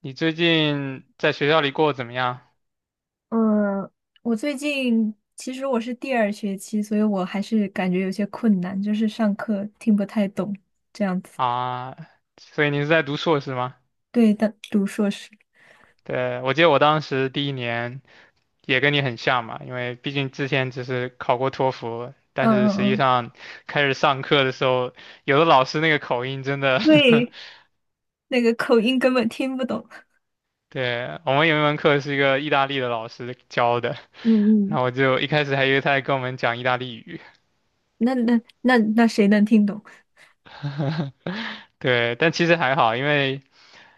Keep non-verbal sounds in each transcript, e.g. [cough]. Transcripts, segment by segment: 你最近在学校里过得怎么样嗯，我最近其实我是第二学期，所以我还是感觉有些困难，就是上课听不太懂这样子。啊？所以你是在读硕士吗？对的，读硕士，对，我记得我当时第一年也跟你很像嘛，因为毕竟之前只是考过托福，嗯但是嗯实际嗯，上开始上课的时候，有的老师那个口音真的 [laughs] 对，那个口音根本听不懂。对，我们有一门课是一个意大利的老师教的，嗯然嗯，后我就一开始还以为他在跟我们讲意大利语，那谁能听懂？对，但其实还好，因为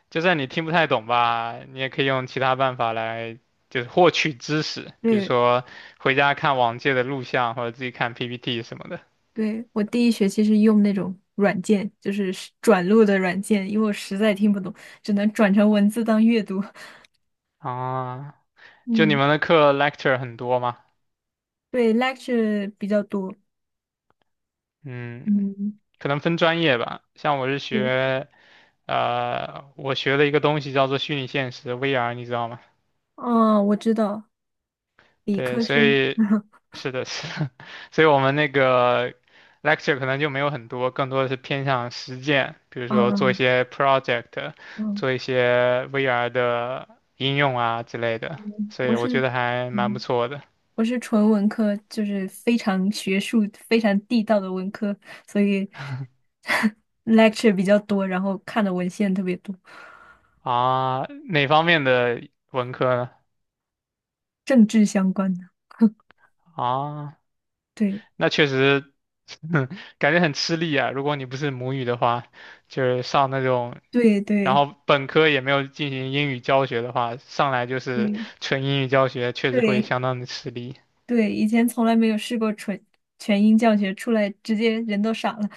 就算你听不太懂吧，你也可以用其他办法来就是获取知识，比如对说回家看往届的录像或者自己看 PPT 什么的。对，我第一学期是用那种软件，就是转录的软件，因为我实在听不懂，只能转成文字当阅读。[laughs] 啊，就你嗯，们的课 lecture 很多吗？对，lecture 比较多。嗯，嗯，可能分专业吧。像我是对，学，我学的一个东西叫做虚拟现实 VR,你知道吗？哦，我知道。理对，科所生，以是的，是的，[laughs] 所以我们那个 lecture 可能就没有很多，更多的是偏向实践，比如说做一嗯些 project,嗯做一些 VR 的应用啊之类的，嗯，所以我觉得还蛮不嗯错的我是纯文科，就是非常学术、非常地道的文科，所以 [laughs] lecture 比较多，然后看的文献特别多，啊。哪方面的文科呢？政治相关的。[laughs] 啊，对那确实，[laughs] 感觉很吃力啊。如果你不是母语的话，就是上那种，对然对后本科也没有进行英语教学的话，上来就是对纯英语教学，确实会对相当的吃力。对，以前从来没有试过纯全英教学，出来直接人都傻了。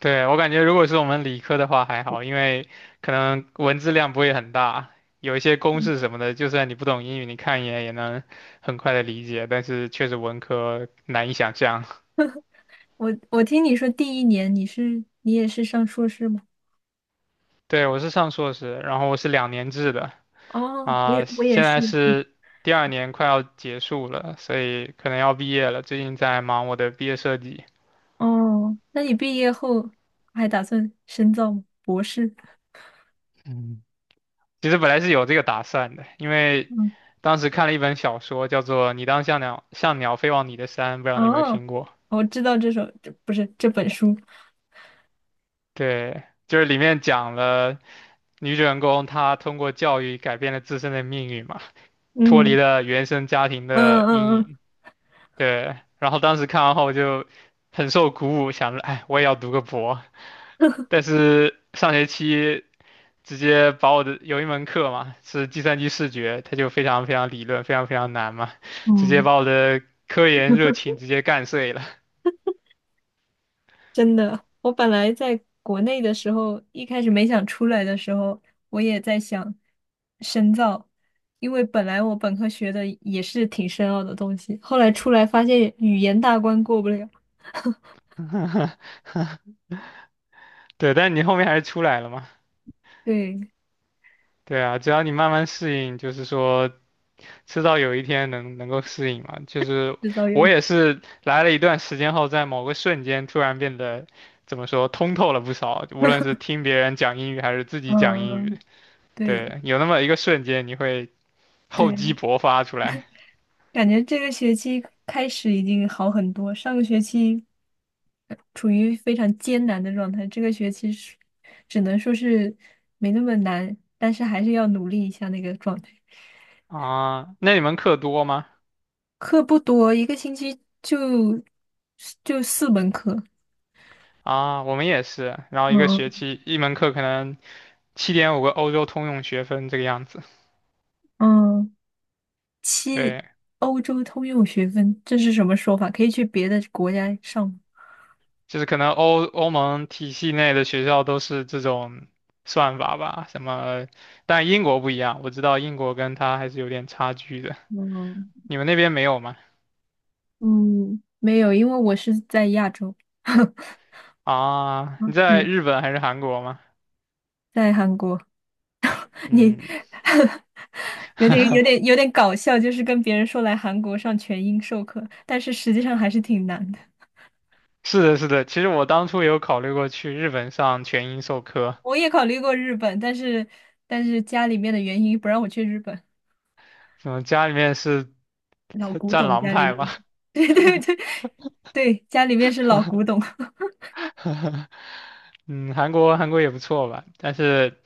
对，我感觉，如果是我们理科的话还好，因为可能文字量不会很大，有一些公嗯，式什么的，就算你不懂英语，你看一眼也能很快的理解。但是确实文科难以想象。我听你说第一年你也是上硕士吗？对，我是上硕士，然后我是2年制的。哦，我啊，也我也现是。在是第二年快要结束了，所以可能要毕业了。最近在忙我的毕业设计。哦，那你毕业后还打算深造吗博士 嗯，其实本来是有这个打算的，因 [laughs]？为嗯，当时看了一本小说，叫做《你当像鸟像鸟飞往你的山》，不知道你有没有哦，听过？我知道这首，这不是这本书。对，就是里面讲了女主人公她通过教育改变了自身的命运嘛，脱离嗯了原生家庭的嗯阴嗯嗯，影。对，然后当时看完后就很受鼓舞，想着，哎，我也要读个博。但是上学期直接把我的有一门课嘛，是计算机视觉，它就非常非常理论，非常非常难嘛，直接嗯把我的科研热情直接干碎了。真的，我本来在国内的时候，一开始没想出来的时候，我也在想深造，因为本来我本科学的也是挺深奥的东西，后来出来发现语言大关过不了，[laughs] 对，但你后面还是出来了嘛。对，对啊，只要你慢慢适应，就是说，迟早有一天能够适应嘛。就是制造有，我也是来了一段时间后，在某个瞬间突然变得怎么说通透了不少，无论是听别人讲英语还是自己讲英语，嗯，对对，有那么一个瞬间，你会 [laughs] 厚积对，薄发出来感觉这个学期开始已经好很多，上个学期处于非常艰难的状态，这个学期是只能说是没那么难，但是还是要努力一下那个状态。啊。那你们课多吗？课不多，一个星期就4门课。啊，我们也是，然后一个学嗯期一门课可能7.5个欧洲通用学分这个样子。嗯，对，欧洲通用学分，这是什么说法？可以去别的国家上吗？就是可能欧盟体系内的学校都是这种算法吧，什么，但英国不一样，我知道英国跟它还是有点差距的。嗯你们那边没有吗？嗯，没有，因为我是在亚洲，[laughs] 啊，你嗯，在对，日本还是韩国吗？在韩国。你 嗯，[laughs] 有点有点 [laughs] 有点搞笑，就是跟别人说来韩国上全英授课，但是实际上还是挺难的。是的，是的。其实我当初有考虑过去日本上全英授课，我也考虑过日本，但是家里面的原因不让我去日本，嗯，家里面是 老 [laughs] 古战董狼家里派面是 吧？[laughs] 对对对对，家里面是老古董。[laughs] [laughs] 嗯，韩国也不错吧，但是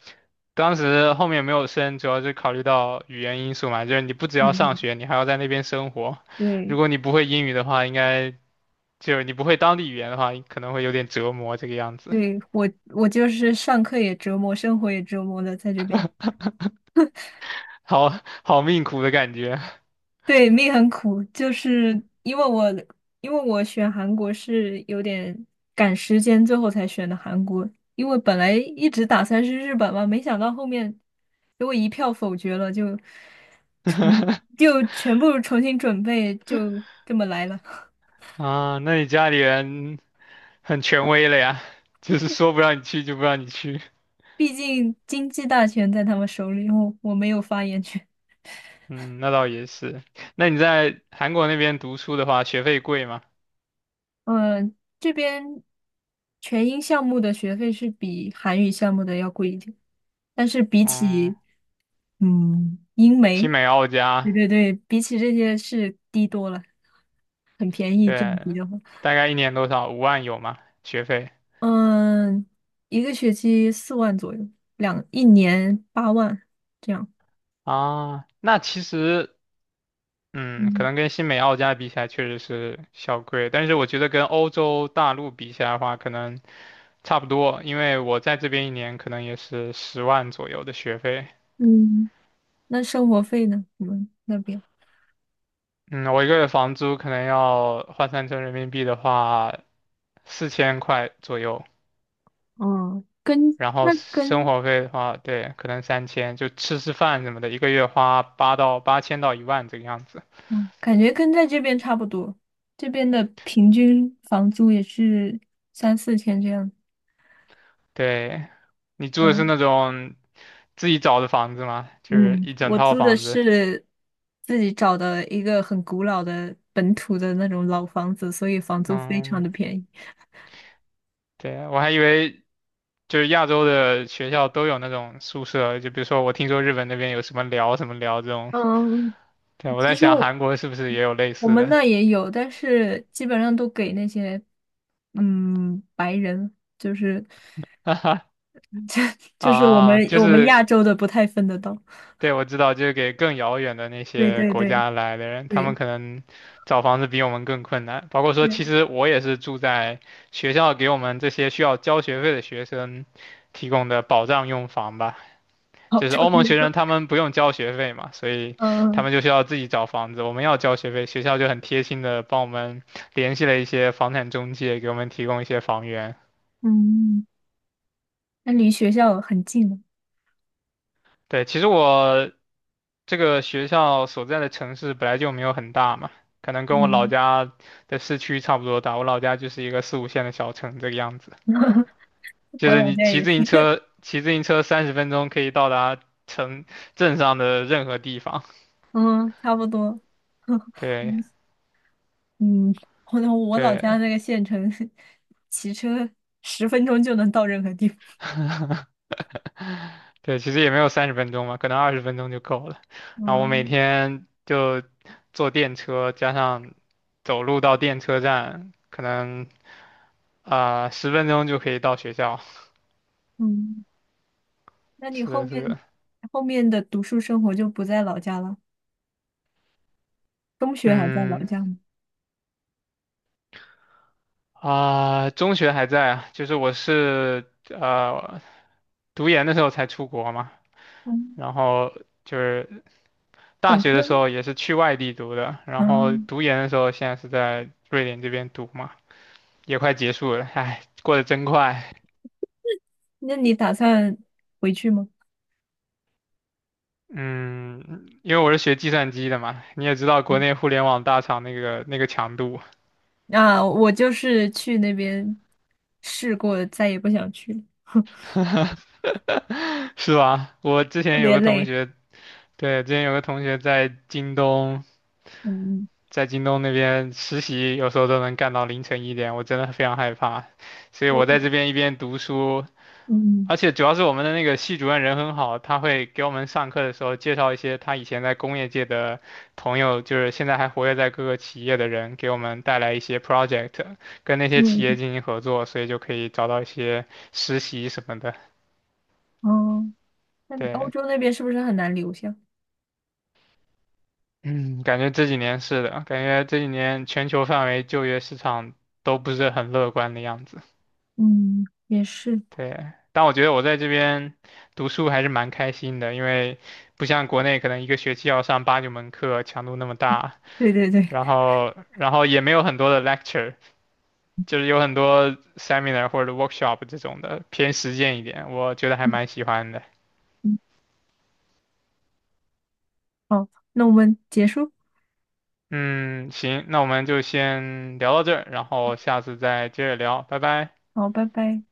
当时后面没有升，主要是考虑到语言因素嘛，就是你不只要上嗯，学，你还要在那边生活，对如果你不会英语的话，应该就是你不会当地语言的话，可能会有点折磨这个样子，对，我就是上课也折磨，生活也折磨的，在这边。好好命苦的感觉 对，命很苦，就是因为我选韩国是有点赶时间，最后才选的韩国。因为本来一直打算是日本嘛，没想到后面给我一票否决了，就 [laughs] 就全部重新准备，就这么来了。[laughs] 啊。那你家里人很权威了呀，就是说不让你去就不让你去。毕竟经济大权在他们手里，我没有发言权。嗯，那倒也是。那你在韩国那边读书的话，学费贵吗？嗯，这边全英项目的学费是比韩语项目的要贵一点，但是比嗯，起英媒，新美澳对加，对对，比起这些是低多了，很便宜，这样比对，的话，大概一年多少？5万有吗？学费嗯，一个学期4万左右，一年8万，这样。啊，那其实，嗯，可嗯能跟新美澳加比起来确实是小贵，但是我觉得跟欧洲大陆比起来的话，可能差不多，因为我在这边一年可能也是10万左右的学费。嗯，那生活费呢？你们那边？嗯，我一个月房租可能要换算成人民币的话，4000块左右。哦，跟然后那生跟，活费的话，对，可能3000，就吃吃饭什么的，一个月花八到8000到1万这个样子。嗯，感觉跟在这边差不多，这边的平均房租也是三四千这样。对，你住的是嗯那种自己找的房子吗？就是嗯，一整我套租的房子。是自己找的一个很古老的本土的那种老房子，所以房租非常嗯，的便宜。对啊，我还以为就是亚洲的学校都有那种宿舍，就比如说我听说日本那边有什么寮什么寮这种。嗯，对，我在其实想我韩国是不是也有类我似们的？那也有，但是基本上都给那些白人，就是 [laughs] 就是我啊，们就我们亚是洲的不太分得到。对，我知道，就是给更遥远的那对些对国对家来的人，他们对可能找房子比我们更困难。包括说，对，其实我也是住在学校给我们这些需要交学费的学生提供的保障用房吧。好就是差不欧盟学生多。他 [laughs] 们不用交学费嘛，所以他嗯们就需要自己找房子。我们要交学费，学校就很贴心的帮我们联系了一些房产中介，给我们提供一些房源。嗯，那离学校很近了。对，其实我这个学校所在的城市本来就没有很大嘛，可能跟我老嗯，家的市区差不多大。我老家就是一个四五线的小城这个样子，[laughs] 就我是老你家骑也自行是。车，骑自行车三十分钟可以到达城镇上的任何地方。嗯，差不多。[laughs] 对嗯，我我老家对那个县城，骑车10分钟就能到任何地方。对，其实也没有三十分钟嘛，可能20分钟就够了。[laughs] 然后我每嗯天就坐电车，加上走路到电车站，可能啊十分钟就可以到学校。[laughs] 嗯，那你是后的，是面的。后面的读书生活就不在老家了？中学还在老嗯家吗？啊，中学还在啊，就是我是读研的时候才出国嘛，嗯，然后就是大本学的科。时候也是去外地读的，然后嗯，读研的时候现在是在瑞典这边读嘛，也快结束了，哎，过得真快。那你打算回去吗？嗯，因为我是学计算机的嘛，你也知道国内互联网大厂那个强度，啊，我就是去那边试过，再也不想去了，[laughs] [laughs] 是吧？我之特前有别个同累。学，对，之前有个同学在京东。嗯，在京东那边实习，有时候都能干到凌晨一点，我真的非常害怕。所以我在这我边一边读书，嗯而且主要是我们的那个系主任人很好，他会给我们上课的时候介绍一些他以前在工业界的朋友，就是现在还活跃在各个企业的人，给我们带来一些 project,跟那些企业嗯进行合作，所以就可以找到一些实习什么的。哦。嗯那欧对，洲那边是不是很难留下？嗯，感觉这几年是的，感觉这几年全球范围就业市场都不是很乐观的样子。嗯，也是。对，但我觉得我在这边读书还是蛮开心的，因为不像国内可能一个学期要上8、9门课，强度那么大，对对对，然后也没有很多的 lecture,就是有很多 seminar 或者 workshop 这种的，偏实践一点，我觉得还蛮喜欢的。嗯，好，那我们结束，嗯，行，那我们就先聊到这儿，然后下次再接着聊，拜拜。好，拜拜。